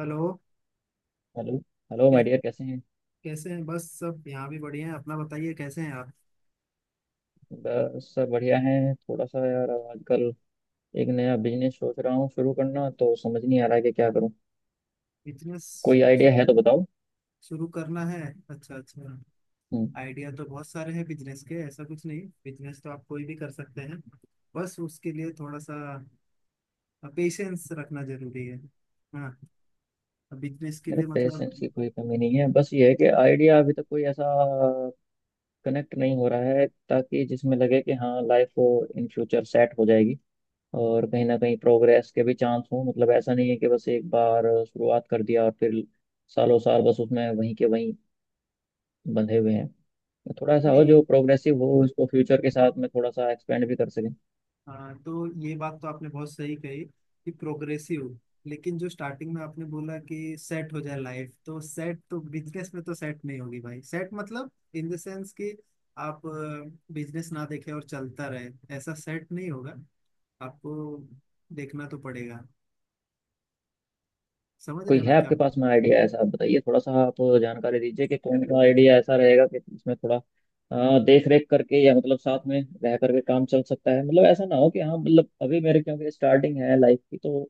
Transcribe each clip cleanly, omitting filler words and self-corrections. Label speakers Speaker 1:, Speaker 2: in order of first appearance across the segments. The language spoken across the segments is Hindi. Speaker 1: हेलो।
Speaker 2: हेलो। हेलो
Speaker 1: कै,
Speaker 2: माय डियर, कैसे हैं?
Speaker 1: कैसे हैं? बस सब यहाँ भी बढ़िया हैं, अपना बताइए, कैसे हैं आप?
Speaker 2: बस सब बढ़िया है। थोड़ा सा यार आजकल एक नया बिजनेस सोच रहा हूँ शुरू करना, तो समझ नहीं आ रहा है कि क्या करूँ।
Speaker 1: बिजनेस
Speaker 2: कोई आइडिया है तो बताओ।
Speaker 1: शुरू करना है? अच्छा, अच्छा।
Speaker 2: हम्म।
Speaker 1: आइडिया तो बहुत सारे हैं बिजनेस के, ऐसा कुछ नहीं, बिजनेस तो आप कोई भी कर सकते हैं। बस उसके लिए थोड़ा सा पेशेंस रखना जरूरी है। हाँ, बिजनेस के
Speaker 2: मेरे
Speaker 1: लिए मतलब।
Speaker 2: पेशेंस की कोई कमी नहीं है, बस ये है कि आइडिया अभी तक कोई ऐसा कनेक्ट नहीं हो रहा है ताकि जिसमें लगे कि हाँ, लाइफ इन फ्यूचर सेट हो जाएगी। और कहीं ना कहीं प्रोग्रेस के भी चांस हो। मतलब ऐसा नहीं है कि बस एक बार शुरुआत कर दिया और फिर सालों साल बस उसमें वहीं के वहीं बंधे हुए हैं। थोड़ा सा हो जो
Speaker 1: नहीं,
Speaker 2: प्रोग्रेसिव हो, उसको फ्यूचर के साथ में थोड़ा सा एक्सपेंड भी कर सकें।
Speaker 1: हाँ तो ये बात तो आपने बहुत सही कही कि प्रोग्रेसिव। लेकिन जो स्टार्टिंग में आपने बोला कि सेट हो जाए लाइफ, तो सेट तो बिजनेस में तो सेट नहीं होगी भाई। सेट मतलब इन द सेंस कि आप बिजनेस ना देखें और चलता रहे, ऐसा सेट नहीं होगा। आपको देखना तो पड़ेगा। समझ रहे
Speaker 2: कोई
Speaker 1: हैं
Speaker 2: है
Speaker 1: मैं क्या?
Speaker 2: आपके पास में आइडिया ऐसा? आप बताइए, थोड़ा सा आप जानकारी दीजिए कि कौन सा आइडिया ऐसा रहेगा कि इसमें थोड़ा देख रेख करके या मतलब साथ में रह करके काम चल सकता है। मतलब ऐसा ना हो कि हाँ, मतलब अभी मेरे क्योंकि स्टार्टिंग है लाइफ की, तो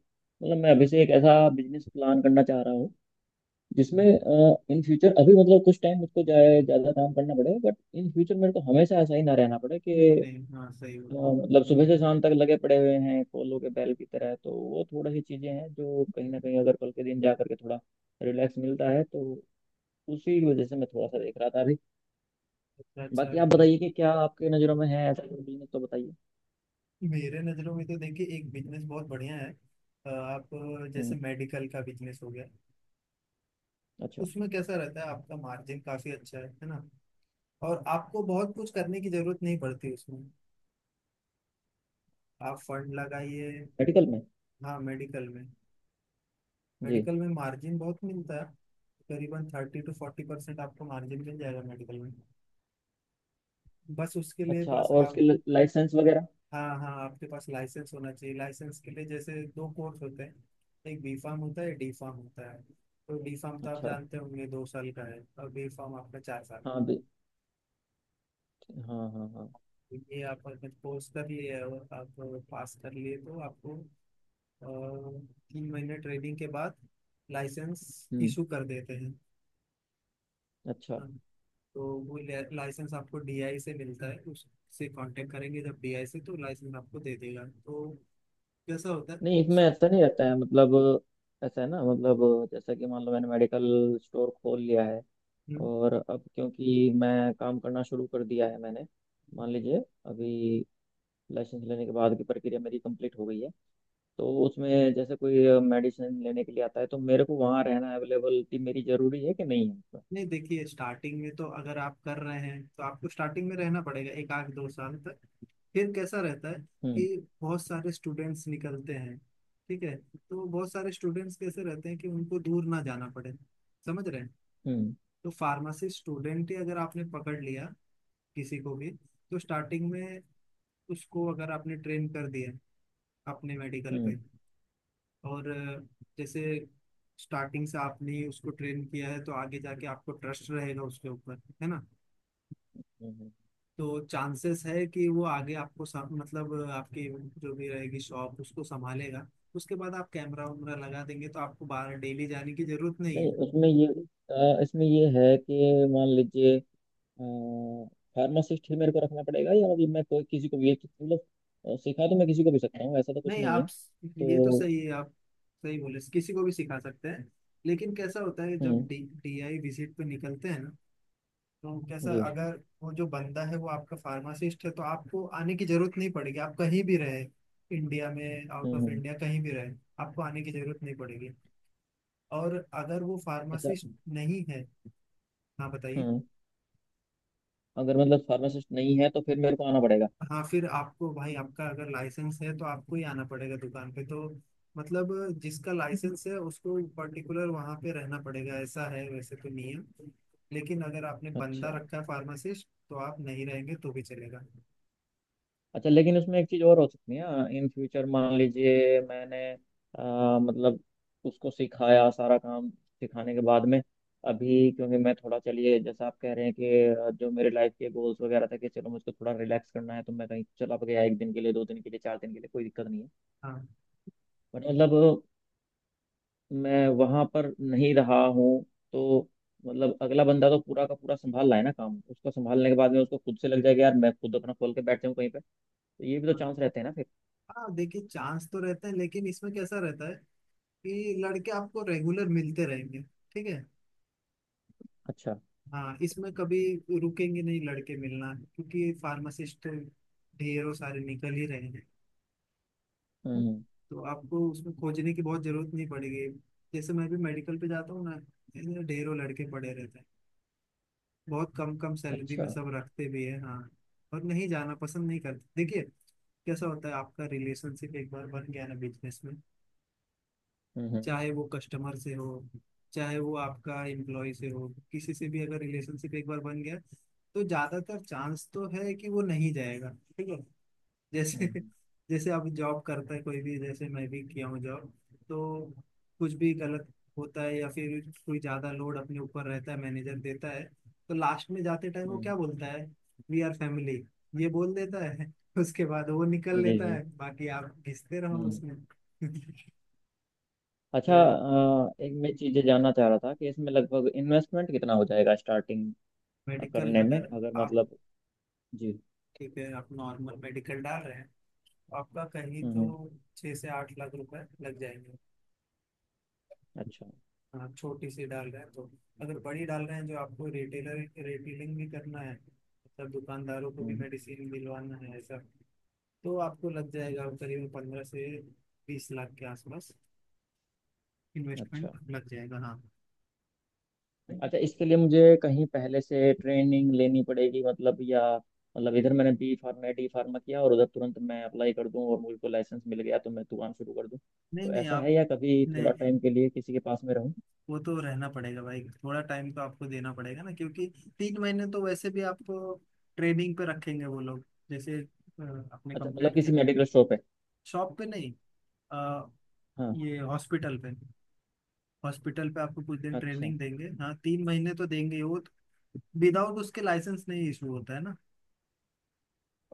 Speaker 2: मतलब मैं
Speaker 1: हाँ,
Speaker 2: अभी से एक ऐसा बिजनेस प्लान करना चाह रहा हूँ जिसमें इन फ्यूचर अभी मतलब कुछ टाइम मुझको ज्यादा काम करना पड़ेगा, बट इन फ्यूचर मेरे को हमेशा ऐसा ही ना रहना पड़े
Speaker 1: नहीं
Speaker 2: कि
Speaker 1: नहीं, हाँ सही होगा।
Speaker 2: हाँ, मतलब सुबह से शाम तक लगे पड़े हुए हैं कोलों के बैल की तरह। तो वो थोड़ी सी चीजें हैं जो कहीं ना कहीं अगर कल के दिन जा करके थोड़ा रिलैक्स मिलता है तो उसी की वजह से मैं थोड़ा सा देख रहा था अभी।
Speaker 1: अच्छा अच्छा,
Speaker 2: बाकी आप
Speaker 1: ठीक।
Speaker 2: बताइए कि क्या आपके नज़रों में है ऐसा कोई बिजनेस, तो बताइए।
Speaker 1: मेरे नज़रों में तो देखिए एक बिजनेस बहुत बढ़िया है। आप
Speaker 2: हम्म।
Speaker 1: जैसे मेडिकल का बिजनेस हो गया।
Speaker 2: अच्छा।
Speaker 1: उसमें कैसा रहता है आपका मार्जिन काफी अच्छा है ना। और आपको बहुत कुछ करने की जरूरत नहीं पड़ती उसमें। आप फंड लगाइए।
Speaker 2: मेडिकल में?
Speaker 1: हाँ मेडिकल में,
Speaker 2: जी।
Speaker 1: मेडिकल में मार्जिन बहुत मिलता है। करीबन 30 से 40% आपको मार्जिन मिल जाएगा मेडिकल में। बस उसके लिए
Speaker 2: अच्छा,
Speaker 1: बस
Speaker 2: और
Speaker 1: आप,
Speaker 2: उसके लाइसेंस वगैरह?
Speaker 1: हाँ हाँ, आपके पास लाइसेंस होना चाहिए। लाइसेंस के लिए जैसे दो कोर्स होते हैं, एक बी फार्म होता है, डी फार्म होता है। तो डी फार्म तो आप
Speaker 2: अच्छा।
Speaker 1: जानते होंगे 2 साल का है, और बी फार्म आपका 4 साल।
Speaker 2: हाँ भी। हाँ हाँ हाँ।
Speaker 1: ये आप अगर कोर्स कर लिए और आप पास कर लिए तो आपको अ, 3 महीने ट्रेनिंग के बाद लाइसेंस
Speaker 2: हम्म।
Speaker 1: इशू कर देते हैं।
Speaker 2: अच्छा।
Speaker 1: हाँ, तो वो लाइसेंस आपको डीआई से मिलता है, उससे कांटेक्ट करेंगे जब डीआई से तो लाइसेंस आपको दे देगा तो कैसा होता है।
Speaker 2: नहीं,
Speaker 1: स-
Speaker 2: इसमें ऐसा नहीं रहता है मतलब। ऐसा है ना, मतलब जैसा कि मान लो मैंने मेडिकल स्टोर खोल लिया है
Speaker 1: हम्म,
Speaker 2: और अब क्योंकि मैं काम करना शुरू कर दिया है मैंने। मान लीजिए अभी लाइसेंस लेने के बाद की प्रक्रिया मेरी कंप्लीट हो गई है, तो उसमें जैसे कोई मेडिसिन लेने के लिए आता है तो मेरे को वहाँ रहना, अवेलेबिलिटी मेरी जरूरी है कि नहीं है उसमें?
Speaker 1: नहीं देखिए स्टार्टिंग में तो अगर आप कर रहे हैं तो आपको स्टार्टिंग में रहना पड़ेगा 1 आध 2 साल तक। फिर कैसा रहता है
Speaker 2: हम्म।
Speaker 1: कि बहुत सारे स्टूडेंट्स निकलते हैं। ठीक है, तो बहुत सारे स्टूडेंट्स कैसे रहते हैं कि उनको दूर ना जाना पड़े। समझ रहे हैं।
Speaker 2: हम्म।
Speaker 1: तो फार्मेसी स्टूडेंट ही अगर आपने पकड़ लिया किसी को भी, तो स्टार्टिंग में उसको अगर आपने ट्रेन कर दिया अपने मेडिकल
Speaker 2: हम्म।
Speaker 1: पे,
Speaker 2: हम्म।
Speaker 1: और जैसे स्टार्टिंग से आपने उसको ट्रेन किया है तो आगे जाके आपको ट्रस्ट रहेगा उसके ऊपर, है ना।
Speaker 2: हम्म।
Speaker 1: तो चांसेस है कि वो आगे आपको मतलब आपकी जो भी रहेगी शॉप उसको संभालेगा। उसके बाद आप कैमरा वैमरा लगा देंगे तो आपको बाहर डेली जाने की जरूरत नहीं
Speaker 2: नहीं,
Speaker 1: है।
Speaker 2: उसमें ये इसमें ये है कि मान लीजिए फार्मासिस्ट ही मेरे को रखना पड़ेगा, या अभी मैं कोई किसी को भी मतलब सिखा तो मैं किसी को भी सकता हूँ, ऐसा तो कुछ
Speaker 1: नहीं
Speaker 2: नहीं
Speaker 1: आप,
Speaker 2: है
Speaker 1: ये तो
Speaker 2: तो।
Speaker 1: सही है, आप सही बोले, किसी को भी सिखा सकते हैं। लेकिन कैसा होता है जब
Speaker 2: हम्म।
Speaker 1: डी डी आई विजिट पे निकलते हैं ना, तो कैसा,
Speaker 2: जी।
Speaker 1: अगर वो जो बंदा है वो आपका फार्मासिस्ट है तो आपको आने की जरूरत नहीं पड़ेगी, आप कहीं भी रहे, इंडिया में out
Speaker 2: hmm
Speaker 1: of
Speaker 2: hmm.
Speaker 1: India कहीं भी रहे, आपको आने की जरूरत नहीं पड़ेगी। और अगर वो
Speaker 2: अच्छा।
Speaker 1: फार्मासिस्ट नहीं है, हाँ बताइए,
Speaker 2: हम्म। अगर मतलब फार्मासिस्ट नहीं है तो फिर मेरे को आना पड़ेगा?
Speaker 1: हाँ फिर आपको भाई, आपका अगर लाइसेंस है तो आपको ही आना पड़ेगा दुकान पे, तो मतलब जिसका लाइसेंस है उसको पर्टिकुलर वहाँ पे रहना पड़ेगा, ऐसा है वैसे तो नियम। लेकिन अगर आपने
Speaker 2: अच्छा।
Speaker 1: बंदा रखा है फार्मासिस्ट तो आप नहीं रहेंगे तो भी चलेगा।
Speaker 2: अच्छा, लेकिन उसमें एक चीज़ और हो सकती है। इन फ्यूचर मान लीजिए मैंने मतलब उसको सिखाया, सारा काम सिखाने के बाद में, अभी क्योंकि मैं थोड़ा, चलिए जैसा आप कह रहे हैं कि जो मेरे लाइफ के गोल्स वगैरह थे कि चलो मुझको थोड़ा रिलैक्स करना है, तो मैं कहीं चला भी गया एक दिन के लिए, दो दिन के लिए, चार दिन के लिए कोई दिक्कत नहीं है।
Speaker 1: हाँ
Speaker 2: बट मतलब मैं वहां पर नहीं रहा हूँ तो मतलब अगला बंदा तो पूरा का पूरा संभाल रहा है ना काम, उसको संभालने के बाद में उसको खुद से लग जाएगा यार मैं खुद अपना खोल के बैठ जाऊँ कहीं पे, तो ये भी तो
Speaker 1: हाँ,
Speaker 2: चांस रहते हैं ना फिर।
Speaker 1: हाँ, देखिए चांस तो रहता है, लेकिन इसमें कैसा रहता है कि लड़के आपको रेगुलर मिलते रहेंगे, ठीक है।
Speaker 2: अच्छा।
Speaker 1: हाँ इसमें कभी रुकेंगे नहीं लड़के मिलना, क्योंकि फार्मासिस्ट ढेरों सारे निकल ही रहे हैं।
Speaker 2: हम्म।
Speaker 1: तो आपको उसमें खोजने की बहुत जरूरत नहीं पड़ेगी। जैसे मैं भी मेडिकल पे जाता हूँ ना, ऐसे ढेरों लड़के पड़े रहते हैं। बहुत कम कम सैलरी
Speaker 2: अच्छा।
Speaker 1: में सब रखते भी है, हाँ, और नहीं जाना पसंद नहीं करते। देखिए कैसा होता है, आपका रिलेशनशिप एक बार बन गया ना बिजनेस में,
Speaker 2: हम्म।
Speaker 1: चाहे वो कस्टमर से हो, चाहे वो आपका एम्प्लॉय से हो, किसी से भी अगर रिलेशनशिप एक बार बन गया तो ज्यादातर चांस तो है कि वो नहीं जाएगा, ठीक है। जैसे,
Speaker 2: हम्म।
Speaker 1: जैसे आप जॉब करता है कोई भी, जैसे मैं भी किया हूँ जॉब, तो कुछ भी गलत होता है या फिर कोई ज्यादा लोड अपने ऊपर रहता है, मैनेजर देता है, तो लास्ट में जाते टाइम वो
Speaker 2: हम्म।
Speaker 1: क्या बोलता है, वी आर फैमिली, ये बोल देता है, उसके बाद वो निकल
Speaker 2: जी
Speaker 1: लेता
Speaker 2: जी।
Speaker 1: है, बाकी आप घिसते रहो
Speaker 2: हम्म हम्म।
Speaker 1: उसमें।
Speaker 2: अच्छा।
Speaker 1: तो
Speaker 2: एक मैं चीजें जानना चाह रहा था कि इसमें लगभग इन्वेस्टमेंट कितना हो जाएगा स्टार्टिंग
Speaker 1: मेडिकल
Speaker 2: करने में
Speaker 1: अगर
Speaker 2: अगर
Speaker 1: आप,
Speaker 2: मतलब? जी।
Speaker 1: ठीक है आप नॉर्मल मेडिकल डाल रहे हैं तो आपका कहीं तो
Speaker 2: हम्म।
Speaker 1: ₹6 से 8 लाख लग जाएंगे।
Speaker 2: अच्छा।
Speaker 1: हाँ छोटी सी डाल रहे हैं तो। अगर बड़ी डाल रहे हैं जो आपको रिटेलर, रिटेलिंग भी करना है मतलब दुकानदारों को भी
Speaker 2: हम्म।
Speaker 1: मेडिसिन दिलवाना है ऐसा, तो आपको लग जाएगा करीब 15 से 20 लाख के आसपास
Speaker 2: अच्छा।
Speaker 1: इन्वेस्टमेंट लग जाएगा, हाँ।
Speaker 2: अच्छा, इसके लिए मुझे कहीं पहले से ट्रेनिंग लेनी पड़ेगी मतलब, या मतलब इधर मैंने बी फार्मा डी फार्मा किया और उधर तुरंत मैं अप्लाई कर दूं और मुझको लाइसेंस मिल गया तो मैं दुकान शुरू कर दूं,
Speaker 1: नहीं
Speaker 2: तो
Speaker 1: नहीं
Speaker 2: ऐसा
Speaker 1: आप,
Speaker 2: है या कभी थोड़ा
Speaker 1: नहीं
Speaker 2: टाइम के लिए किसी के पास में रहूं?
Speaker 1: वो तो रहना पड़ेगा भाई, थोड़ा टाइम तो आपको देना पड़ेगा ना, क्योंकि 3 महीने तो वैसे भी आपको ट्रेनिंग पे रखेंगे वो लोग। जैसे आपने
Speaker 2: अच्छा, मतलब
Speaker 1: कंप्लीट किया,
Speaker 2: किसी मेडिकल शॉप है?
Speaker 1: शॉप पे नहीं, अ,
Speaker 2: हाँ।
Speaker 1: ये हॉस्पिटल पे, हॉस्पिटल पे आपको कुछ दिन
Speaker 2: अच्छा।
Speaker 1: ट्रेनिंग देंगे, हाँ 3 महीने तो देंगे ही, वो तो विदाउट उसके लाइसेंस नहीं इशू होता है ना।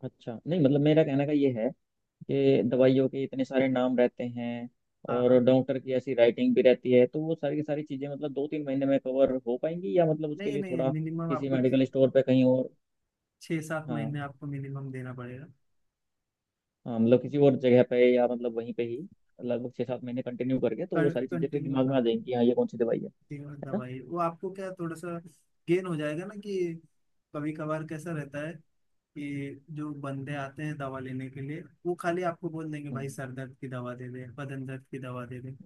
Speaker 2: अच्छा, नहीं मतलब मेरा कहने का ये है कि दवाइयों के इतने सारे नाम रहते हैं
Speaker 1: हाँ
Speaker 2: और
Speaker 1: हाँ,
Speaker 2: डॉक्टर की ऐसी राइटिंग भी रहती है, तो वो सारी की सारी चीज़ें मतलब दो तीन महीने में कवर हो पाएंगी या मतलब उसके
Speaker 1: नहीं
Speaker 2: लिए
Speaker 1: नहीं
Speaker 2: थोड़ा
Speaker 1: मिनिमम
Speaker 2: किसी
Speaker 1: आपको
Speaker 2: मेडिकल स्टोर पे कहीं और?
Speaker 1: छः सात
Speaker 2: हाँ।
Speaker 1: महीने आपको मिनिमम देना पड़ेगा
Speaker 2: हाँ मतलब किसी और जगह पे या मतलब वहीं पे ही लगभग छः सात महीने कंटिन्यू करके तो वो सारी चीज़ें फिर
Speaker 1: कंटिन्यू।
Speaker 2: दिमाग में आ जाएंगी कि हाँ ये कौन सी दवाई है
Speaker 1: तीन
Speaker 2: है ना?
Speaker 1: दवाई वो आपको क्या थोड़ा सा गेन हो जाएगा ना, कि कभी कभार कैसा रहता है कि जो बंदे आते हैं दवा लेने के लिए वो खाली आपको बोल देंगे भाई
Speaker 2: हम्म।
Speaker 1: सर दर्द की दवा दे दे, बदन दर्द की दवा दे दे,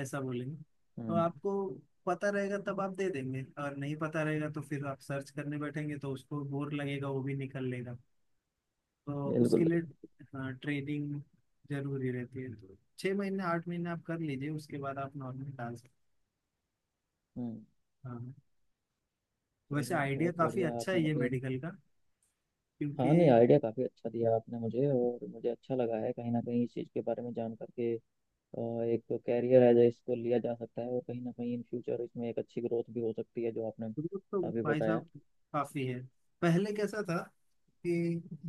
Speaker 1: ऐसा बोलेंगे। तो
Speaker 2: हम्म।
Speaker 1: आपको पता रहेगा तब आप दे देंगे, और नहीं पता रहेगा तो फिर आप सर्च करने बैठेंगे तो उसको बोर लगेगा, वो भी निकल लेगा। तो
Speaker 2: बिल्कुल
Speaker 1: उसके लिए
Speaker 2: बिल्कुल।
Speaker 1: हाँ ट्रेनिंग जरूरी रहती है, तो 6 महीने 8 महीने आप कर लीजिए, उसके बाद आप नॉर्मल डाल सकते
Speaker 2: हम्म।
Speaker 1: हैं, हाँ। वैसे
Speaker 2: चलिए
Speaker 1: आइडिया
Speaker 2: बहुत
Speaker 1: काफी
Speaker 2: बढ़िया
Speaker 1: अच्छा
Speaker 2: आपने
Speaker 1: है ये
Speaker 2: मुझे,
Speaker 1: मेडिकल का,
Speaker 2: हाँ नहीं
Speaker 1: क्योंकि
Speaker 2: आइडिया काफ़ी अच्छा दिया आपने मुझे और मुझे अच्छा लगा है कहीं ना कहीं इस चीज़ के बारे में जान करके। एक तो कैरियर है जो इसको लिया जा सकता है, और कहीं ना कहीं इन फ्यूचर इसमें एक अच्छी ग्रोथ भी हो सकती है जो आपने
Speaker 1: ग्रुप तो
Speaker 2: अभी
Speaker 1: भाई
Speaker 2: बताया।
Speaker 1: साहब काफी है। पहले कैसा था कि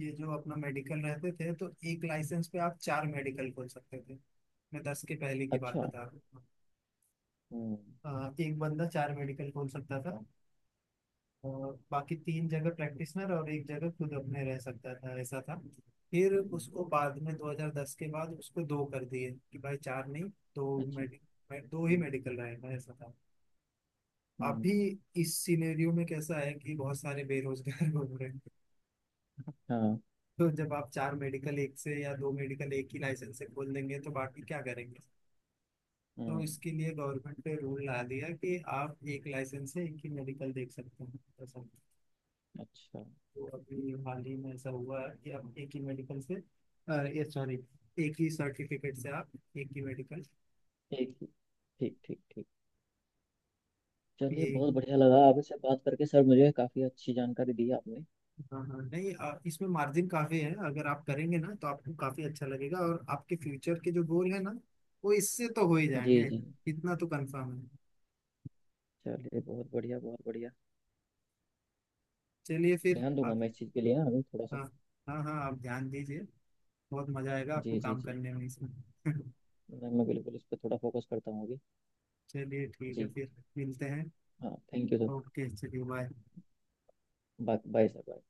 Speaker 1: ये जो अपना मेडिकल रहते थे तो एक लाइसेंस पे आप 4 मेडिकल खोल सकते थे। मैं दस के पहले की बात
Speaker 2: अच्छा।
Speaker 1: बता रहा हूँ।
Speaker 2: हम्म
Speaker 1: 1 बंदा 4 मेडिकल खोल सकता था, और बाकी 3 जगह प्रैक्टिशनर और एक जगह खुद अपने रह सकता था, ऐसा था। फिर
Speaker 2: हम्म।
Speaker 1: उसको बाद में 2010 के बाद उसको दो कर दिए कि भाई चार नहीं, दो
Speaker 2: अच्छा।
Speaker 1: मेडिकल, दो ही
Speaker 2: हम्म
Speaker 1: मेडिकल रहेगा, ऐसा था।
Speaker 2: हम्म।
Speaker 1: अभी इस सिनेरियो में कैसा है कि बहुत सारे बेरोजगार घूम रहे हैं।
Speaker 2: हाँ।
Speaker 1: तो जब आप 4 मेडिकल एक से या 2 मेडिकल एक ही लाइसेंस से खोल देंगे तो बाकी क्या करेंगे। तो
Speaker 2: हम्म।
Speaker 1: इसके लिए गवर्नमेंट ने रूल ला दिया कि आप एक लाइसेंस से एक ही मेडिकल देख सकते हैं, ऐसा।
Speaker 2: अच्छा।
Speaker 1: तो अभी हाल ही में ऐसा हुआ है कि आप एक ही मेडिकल से ये सॉरी, एक ही सर्टिफिकेट से आप एक ही मेडिकल,
Speaker 2: ठीक ठीक। ठीक। चलिए
Speaker 1: ये।
Speaker 2: बहुत बढ़िया लगा आपसे बात करके सर, मुझे काफ़ी अच्छी जानकारी दी आपने।
Speaker 1: हाँ हाँ, नहीं इसमें मार्जिन काफी है, अगर आप करेंगे ना तो आपको काफी अच्छा लगेगा, और आपके फ्यूचर के जो गोल है ना वो इससे तो हो ही
Speaker 2: जी
Speaker 1: जाएंगे,
Speaker 2: जी।
Speaker 1: इतना तो कंफर्म है।
Speaker 2: चलिए बहुत बढ़िया, बहुत बढ़िया।
Speaker 1: चलिए फिर
Speaker 2: ध्यान दूंगा
Speaker 1: आप,
Speaker 2: मैं इस चीज़ के लिए ना अभी थोड़ा सा।
Speaker 1: हाँ हाँ, हाँ आप ध्यान दीजिए, बहुत मजा आएगा आपको
Speaker 2: जी जी
Speaker 1: काम
Speaker 2: जी।
Speaker 1: करने में इसमें।
Speaker 2: मैं बिल्कुल इस पर थोड़ा फोकस करता हूँ अभी।
Speaker 1: चलिए ठीक
Speaker 2: जी।
Speaker 1: है फिर, मिलते हैं।
Speaker 2: हाँ, थैंक यू सर।
Speaker 1: ओके चलिए, bye.
Speaker 2: Bye bye sir, bye.